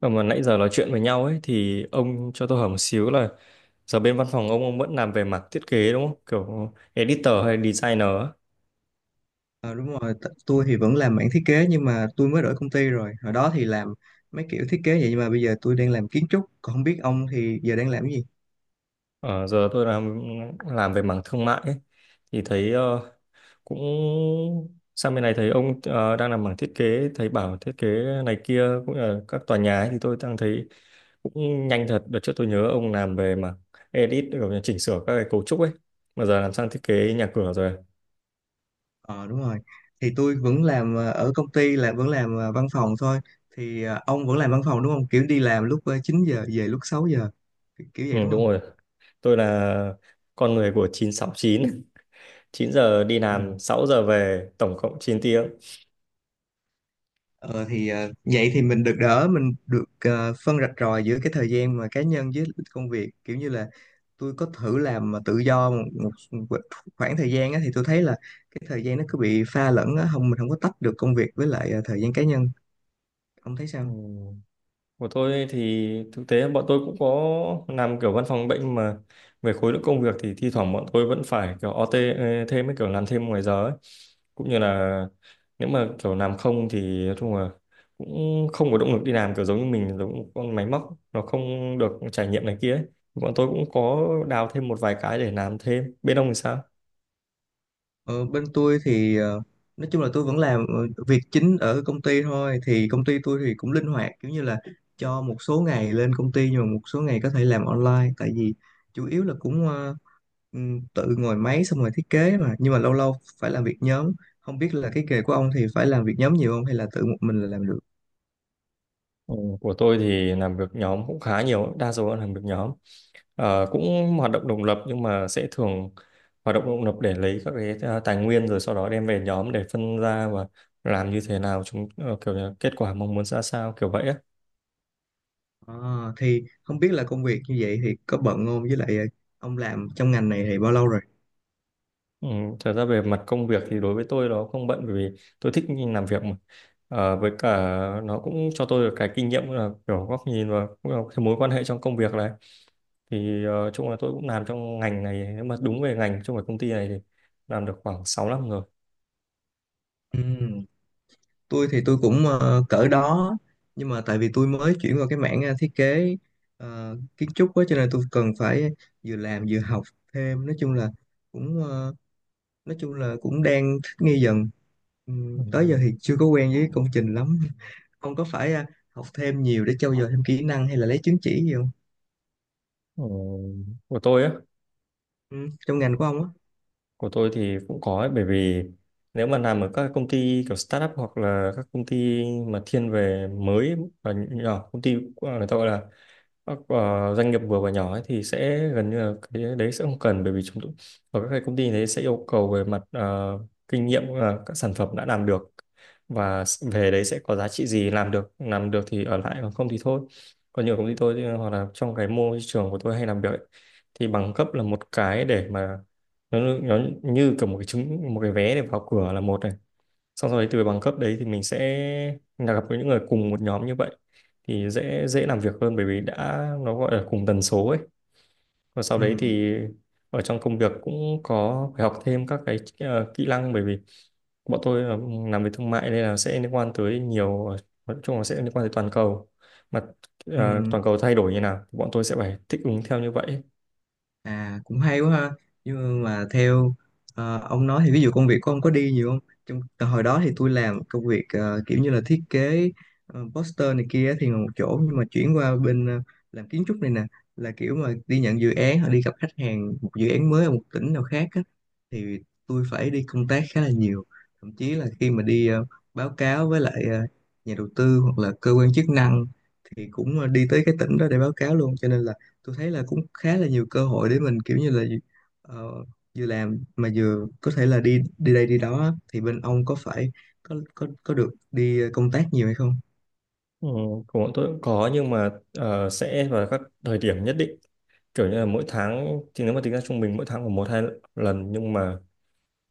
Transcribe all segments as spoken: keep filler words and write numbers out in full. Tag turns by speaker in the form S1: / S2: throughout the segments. S1: Và mà nãy giờ nói chuyện với nhau ấy thì ông cho tôi hỏi một xíu là giờ bên văn phòng ông ông vẫn làm về mặt thiết kế đúng không? Kiểu editor hay designer á.
S2: Ờ, đúng rồi, t- tôi thì vẫn làm mảng thiết kế nhưng mà tôi mới đổi công ty rồi. Hồi đó thì làm mấy kiểu thiết kế vậy nhưng mà bây giờ tôi đang làm kiến trúc, còn không biết ông thì giờ đang làm cái gì?
S1: Ờ, giờ tôi làm làm về mảng thương mại ấy thì thấy ờ, cũng sang bên này thấy ông ờ, đang làm mảng thiết kế, thấy bảo thiết kế này kia cũng là các tòa nhà ấy, thì tôi đang thấy cũng nhanh thật. Đợt trước tôi nhớ ông làm về mảng edit, kiểu như chỉnh sửa các cái cấu trúc ấy, mà giờ làm sang thiết kế nhà cửa rồi.
S2: Ờ, đúng rồi. Thì tôi vẫn làm ờ, ở công ty là vẫn làm ờ, văn phòng thôi. Thì ờ, ông vẫn làm văn phòng đúng không? Kiểu đi làm lúc ờ, chín giờ về lúc sáu giờ. Kiểu kiểu
S1: Ừ,
S2: vậy đúng
S1: đúng
S2: không?
S1: rồi. Tôi là con người của chín sáu chín chín giờ đi
S2: Ừ.
S1: làm, sáu giờ về, tổng cộng chín tiếng.
S2: Ờ thì ờ, vậy thì mình được đỡ mình được ờ, phân rạch ròi giữa cái thời gian mà cá nhân với công việc, kiểu như là tôi có thử làm mà tự do một, một một khoảng thời gian á, thì tôi thấy là cái thời gian nó cứ bị pha lẫn á, không mình không có tách được công việc với lại ờ, thời gian cá nhân. Ông thấy sao?
S1: Ừ. Của tôi thì thực tế bọn tôi cũng có làm kiểu văn phòng bệnh, mà về khối lượng công việc thì thi thoảng bọn tôi vẫn phải kiểu ô tê thêm ấy, kiểu làm thêm ngoài giờ ấy. Cũng như là nếu mà kiểu làm không thì nói chung là cũng không có động lực đi làm, kiểu giống như mình giống một con máy móc, nó không được trải nghiệm này kia ấy. Bọn tôi cũng có đào thêm một vài cái để làm thêm. Bên ông thì sao?
S2: Ờ, Bên tôi thì ờ, nói chung là tôi vẫn làm ờ, việc chính ở công ty thôi. Thì công ty tôi thì cũng linh hoạt, kiểu như là cho một số ngày lên công ty nhưng mà một số ngày có thể làm online, tại vì chủ yếu là cũng ờ, ừm, tự ngồi máy xong rồi thiết kế mà, nhưng mà lâu lâu phải làm việc nhóm. Không biết là cái nghề của ông thì phải làm việc nhóm nhiều không hay là tự một mình là làm được?
S1: Ừ, của tôi thì làm việc nhóm cũng khá nhiều, đa số là làm việc nhóm. Ờ, cũng hoạt động độc lập nhưng mà sẽ thường hoạt động độc lập để lấy các cái ờ, tài nguyên, rồi sau đó đem về nhóm để phân ra và làm như thế nào, chúng ờ, kiểu như là kết quả mong muốn ra sao, kiểu vậy á.
S2: À, thì không biết là công việc như vậy thì có bận không, với lại ờ, ông làm trong ngành này thì bao lâu rồi?
S1: Ừ, thật ra về mặt công việc thì đối với tôi nó không bận, bởi vì tôi thích làm việc mà. Ờ, với cả nó cũng cho tôi được cái kinh nghiệm là kiểu góc nhìn và cũng là cái mối quan hệ trong công việc này, thì ờ, chung là tôi cũng làm trong ngành này, nếu mà đúng về ngành trong cái công ty này thì làm được khoảng sáu năm rồi.
S2: Ừ. Tôi thì tôi cũng ờ, cỡ đó, nhưng mà tại vì tôi mới chuyển vào cái mảng ờ, thiết kế ờ, kiến trúc á, cho nên tôi cần phải vừa làm vừa học thêm. Nói chung là cũng ờ, nói chung là cũng đang thích nghi dần. Ừ,
S1: Ừ,
S2: tới giờ thì chưa có quen với công trình lắm. Ông có phải ờ, học thêm nhiều để trau dồi thêm kỹ năng hay là lấy chứng chỉ gì không?
S1: ừ, của tôi á
S2: Ừ, trong ngành của ông á.
S1: của tôi thì cũng có ấy, bởi vì nếu mà làm ở các công ty kiểu startup hoặc là các công ty mà thiên về mới và nhỏ, công ty ờ, người ta gọi là các ờ, doanh nghiệp vừa và nhỏ ấy, thì sẽ gần như là cái đấy sẽ không cần, bởi vì chúng tôi ở các cái công ty đấy sẽ yêu cầu về mặt ờ, kinh nghiệm, ờ, các sản phẩm đã làm được và s- về đấy sẽ có giá trị gì, làm được làm được thì ở lại, còn không thì thôi. Còn nhiều công ty tôi thì- hoặc là trong cái môi trường của tôi hay làm việc ấy, thì bằng cấp là một cái để mà nó, nó như kiểu một cái chứng một cái vé để vào cửa là một này, xong sau đấy từ bằng cấp đấy thì mình sẽ là gặp với những người cùng một nhóm như vậy thì dễ dễ làm việc hơn, bởi vì đã, nó gọi là cùng tần số ấy. Và sau đấy
S2: Ừ,
S1: thì ở trong công việc cũng có phải học thêm các cái ờ, kỹ năng, bởi vì bọn tôi là làm về thương mại nên là sẽ liên quan tới nhiều, nói chung là sẽ liên quan tới toàn cầu mà. Ờ,
S2: ừ.
S1: toàn cầu thay đổi như nào thì bọn tôi sẽ phải thích ứng theo như vậy.
S2: À, cũng hay quá ha. Nhưng mà theo ờ, ông nói thì ví dụ công việc của ông có đi nhiều không? Trong từ hồi đó thì tôi làm công việc ờ, kiểu như là thiết kế ờ, poster này kia thì ngồi một chỗ, nhưng mà chuyển qua bên ờ, làm kiến trúc này nè, là kiểu mà đi nhận dự án hoặc đi gặp khách hàng một dự án mới ở một tỉnh nào khác á, thì tôi phải đi công tác khá là nhiều. Thậm chí là khi mà đi ờ, báo cáo với lại ờ, nhà đầu tư hoặc là cơ quan chức năng thì cũng ờ, đi tới cái tỉnh đó để báo cáo luôn, cho nên là tôi thấy là cũng khá là nhiều cơ hội để mình kiểu như là ờ, vừa làm mà vừa có thể là đi đi đây đi đó á. Thì bên ông có phải có có có được đi công tác nhiều hay không?
S1: Ừ, của bọn tôi cũng có, nhưng mà ờ, sẽ vào các thời điểm nhất định, kiểu như là mỗi tháng thì nếu mà tính ra trung bình mỗi tháng khoảng một hai lần, nhưng mà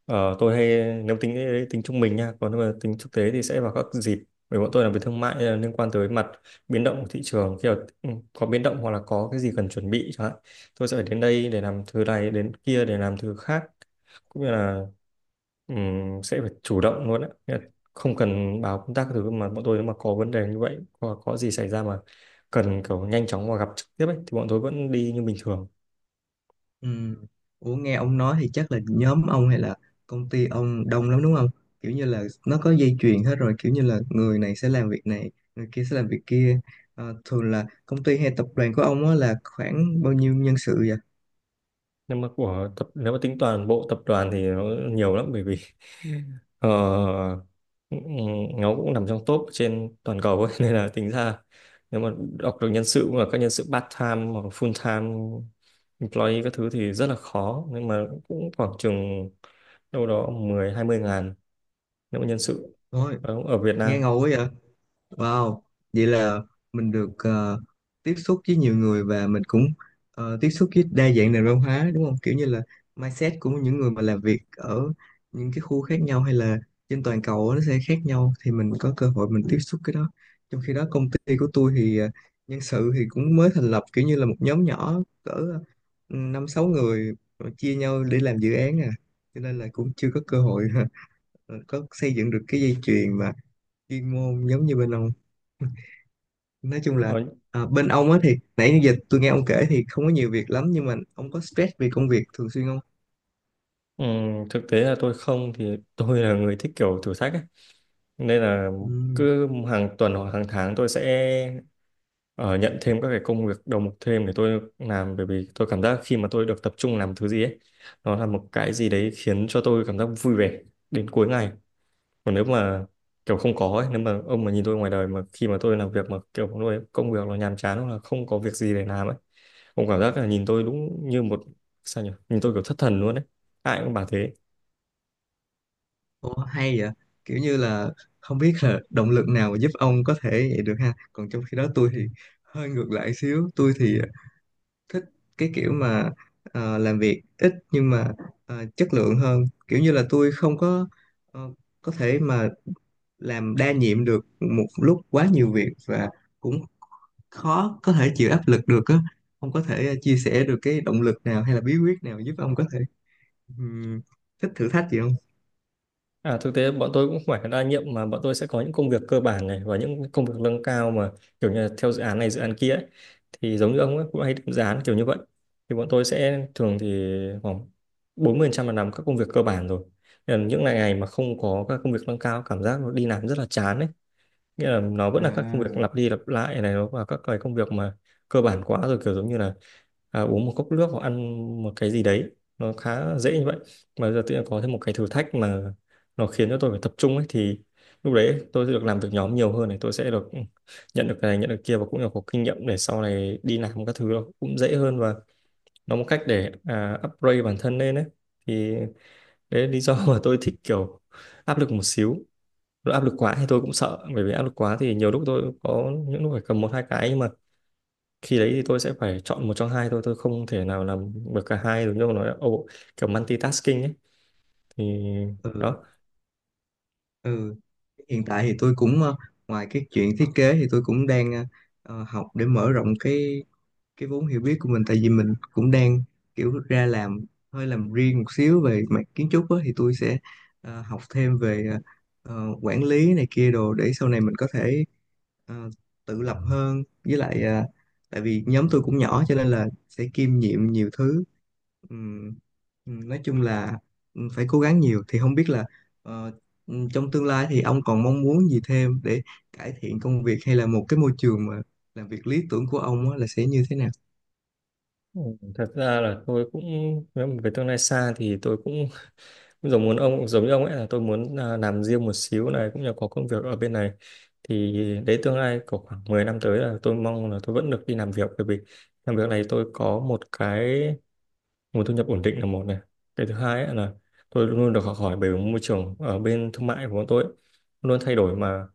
S1: ờ, tôi hay, nếu tính cái- tính trung bình nha, còn nếu mà tính thực tế thì sẽ vào các dịp, bởi bọn tôi làm về thương mại nên là liên quan tới mặt biến động của thị trường. Khi mà ừ, có biến động hoặc là có cái gì cần chuẩn bị chẳng hạn, tôi sẽ phải đến đây để làm thứ này, đến kia để làm thứ khác, cũng như là ừm, sẽ phải chủ động luôn á. Nghĩa là không cần báo công tác các thứ, mà bọn tôi nếu mà có vấn đề như vậy, hoặc có gì xảy ra mà cần kiểu nhanh chóng và gặp trực tiếp ấy, thì bọn tôi vẫn đi như bình thường.
S2: Ừ. Ủa, nghe ông nói thì chắc là nhóm ông hay là công ty ông đông lắm đúng không? Kiểu như là nó có dây chuyền hết rồi, kiểu như là người này sẽ làm việc này, người kia sẽ làm việc kia. Ờ, thường là công ty hay tập đoàn của ông á là khoảng bao nhiêu nhân sự vậy?
S1: Nhưng mà của tập, nếu mà tính toàn bộ tập đoàn thì nó nhiều lắm, bởi vì ờ, ừ, ừ, nó cũng nằm trong top trên toàn cầu ấy. Nên là tính ra, nếu mà đọc được nhân sự và các nhân sự part time hoặc full time employee các thứ thì rất là khó, nhưng mà cũng khoảng chừng đâu đó mười hai mươi ngàn nếu mà nhân sự
S2: Ôi,
S1: ở, ở Việt
S2: nghe
S1: Nam.
S2: ngầu quá vậy? Wow, vậy là mình được ờ, tiếp xúc với nhiều người và mình cũng ờ, tiếp xúc với đa dạng nền văn hóa đúng không? Kiểu như là mindset của những người mà làm việc ở những cái khu khác nhau hay là trên toàn cầu á, nó sẽ khác nhau thì mình có cơ hội mình tiếp xúc cái đó. Trong khi đó công ty của tôi thì ờ, nhân sự thì cũng mới thành lập, kiểu như là một nhóm nhỏ cỡ ừ, năm sáu người mà chia nhau để làm dự án à. Cho nên là cũng chưa có cơ hội có xây dựng được cái dây chuyền mà chuyên môn giống như bên ông. Nói chung là
S1: ở,
S2: à, bên ông á thì nãy giờ tôi nghe ông kể thì không có nhiều việc lắm, nhưng mà ông có stress vì công việc thường xuyên không?
S1: ừm, Thực tế là tôi không, thì tôi là người thích kiểu thử thách ấy, nên là
S2: Ừm.
S1: cứ hàng tuần hoặc hàng tháng tôi sẽ ờ, nhận thêm các cái công việc đầu mục thêm để tôi làm, bởi vì tôi cảm giác khi mà tôi được tập trung làm thứ gì ấy, nó là một cái gì đấy khiến cho tôi cảm giác vui vẻ đến cuối ngày. Còn nếu mà kiểu không có ấy, nếu mà ông mà nhìn tôi ngoài đời mà khi mà tôi làm việc mà kiểu tôi công việc nó nhàm chán hoặc là không có việc gì để làm ấy, ông cảm giác là nhìn tôi đúng như một, sao nhỉ, nhìn tôi kiểu thất thần luôn ấy, ai cũng bảo thế.
S2: Ồ, hay vậy, kiểu như là không biết là động lực nào mà giúp ông có thể vậy được ha, còn trong khi đó tôi thì hơi ngược lại xíu. Tôi thì thích cái kiểu mà ờ, làm việc ít nhưng mà ờ, chất lượng hơn, kiểu như là tôi không có ờ, có thể mà làm đa nhiệm được một lúc quá nhiều việc, và cũng khó có thể chịu áp lực được á. Ông có thể ờ, chia sẻ được cái động lực nào hay là bí quyết nào giúp ông có thể ừm, thích thử thách gì không?
S1: À, thực tế bọn tôi cũng không phải đa nhiệm, mà bọn tôi sẽ có những công việc cơ bản này và những công việc nâng cao, mà kiểu như là theo dự án này dự án kia ấy. Thì giống như ông ấy, cũng hay định dự án kiểu như vậy, thì bọn tôi sẽ thường thì khoảng bốn mươi phần trăm là làm các công việc cơ bản rồi. Nên là những ngày ngày mà không có các công việc nâng cao, cảm giác nó đi làm rất là chán ấy, nghĩa là nó vẫn là các công việc
S2: À,
S1: lặp đi lặp lại này, nó và các cái công việc mà cơ bản quá rồi, kiểu giống như là à, uống một cốc nước hoặc ăn một cái gì đấy, nó khá dễ như vậy. Mà giờ tự nhiên có thêm một cái thử thách mà nó khiến cho tôi phải tập trung ấy, thì lúc đấy tôi sẽ được làm việc nhóm nhiều hơn này, tôi sẽ được ừ, nhận được cái này nhận được kia, và cũng là có kinh nghiệm để sau này đi làm các thứ nó cũng dễ hơn, và nó một cách để à, upgrade bản thân lên ấy. Thì đấy là lý do mà tôi thích kiểu áp lực một xíu. Lúc áp lực quá thì tôi cũng sợ, bởi vì áp lực quá thì nhiều lúc tôi có những lúc phải cầm một hai cái, nhưng mà khi đấy thì tôi sẽ phải chọn một trong hai thôi, tôi không thể nào làm được cả hai được, như ông nói oh, kiểu multitasking ấy, thì
S2: ừ,
S1: đó.
S2: ừ, hiện tại thì tôi cũng ờ, ngoài cái chuyện thiết kế thì tôi cũng đang ờ, ờ, học để mở rộng cái cái vốn hiểu biết của mình, tại vì mình cũng đang kiểu ra làm hơi làm riêng một xíu về mặt kiến trúc á, thì tôi sẽ ờ, học thêm về ờ, ờ, quản lý này kia đồ để sau này mình có thể ờ, tự lập hơn, với lại ờ, tại vì nhóm tôi cũng nhỏ cho nên là sẽ kiêm nhiệm nhiều thứ. Ừm, ừm, nói chung là ừm, phải cố gắng nhiều. Thì không biết là ờ, ừm, trong tương lai thì ông còn mong muốn gì thêm để cải thiện công việc, hay là một cái môi trường mà làm việc lý tưởng của ông á là sẽ như thế nào?
S1: Ừ, thật ra là tôi cũng, nếu mà về tương lai xa thì tôi cũng cũng giống muốn ông, giống như ông ấy là tôi muốn à, làm riêng một xíu này, cũng như có công việc ở bên này, thì đấy tương lai của khoảng mười năm tới là tôi mong là tôi vẫn được đi làm việc, bởi vì làm việc này tôi có một cái nguồn thu nhập ổn định là một này, cái thứ hai ấy là tôi luôn luôn được học hỏi, bởi môi trường ở bên thương mại của bọn tôi ấy luôn thay đổi mà.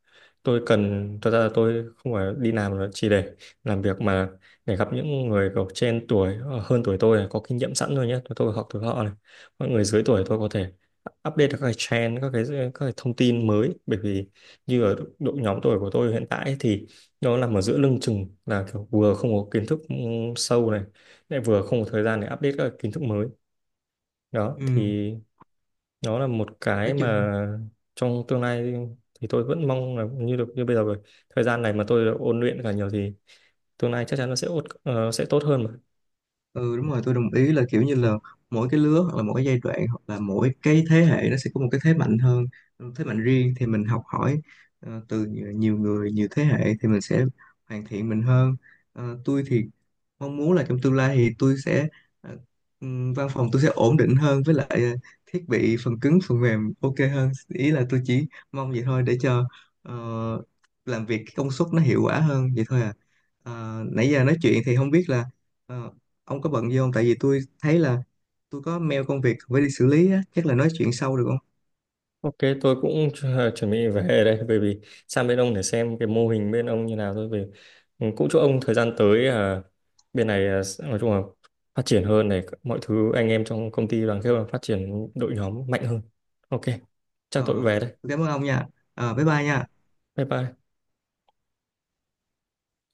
S1: Tôi cần, thật ra là tôi không phải đi làm là chỉ để làm việc, mà để gặp những người có trên tuổi, ờ, hơn tuổi tôi này, có kinh nghiệm sẵn rồi nhé, tôi, tôi học từ họ này. Mọi người dưới tuổi tôi có thể update được các cái trend, các cái các cái thông tin mới, bởi vì như ở độ nhóm tuổi của tôi hiện tại ấy thì nó nằm ở giữa lưng chừng, là kiểu vừa không có kiến thức ừ, sâu này, lại vừa không có thời gian để update các kiến thức mới. Đó
S2: Ừm,
S1: thì nó là một cái
S2: nói chung.
S1: mà trong tương lai thì tôi vẫn mong là như được như bây giờ rồi. Thời gian này mà tôi được ôn luyện cả nhiều thì tương lai chắc chắn nó sẽ ốt, ờ, sẽ tốt hơn mà.
S2: Ừ, đúng rồi, tôi đồng ý là kiểu như là mỗi cái lứa hoặc là mỗi cái giai đoạn hoặc là mỗi cái thế hệ nó sẽ có một cái thế mạnh hơn, thế mạnh riêng, thì mình học hỏi ờ, từ nhiều nhiều người nhiều thế hệ thì mình sẽ hoàn thiện mình hơn. Ờ, tôi thì mong muốn là trong tương lai thì tôi sẽ ờ, ừm, văn phòng tôi sẽ ổn định hơn, với lại ờ, thiết bị phần cứng phần mềm ok hơn, ý là tôi chỉ mong vậy thôi để cho ờ, làm việc cái công suất nó hiệu quả hơn vậy thôi à. Ờ, nãy giờ nói chuyện thì không biết là ờ, ông có bận gì không, tại vì tôi thấy là tôi có mail công việc phải đi xử lý á, chắc là nói chuyện sau được không?
S1: Ok, tôi cũng chu- chuẩn bị về đây, bởi vì sang bên ông để xem cái mô hình bên ông như nào thôi, về. Cũng chúc ông thời gian tới à, bên này, à, sẽ- nói chung là phát triển hơn này, mọi thứ anh em trong công ty đoàn kết và phát triển đội nhóm mạnh hơn. Ok, chắc tôi
S2: ờ
S1: về đây.
S2: tôi cảm ơn ông nha. Ờ bye bye nha.
S1: Bye bye.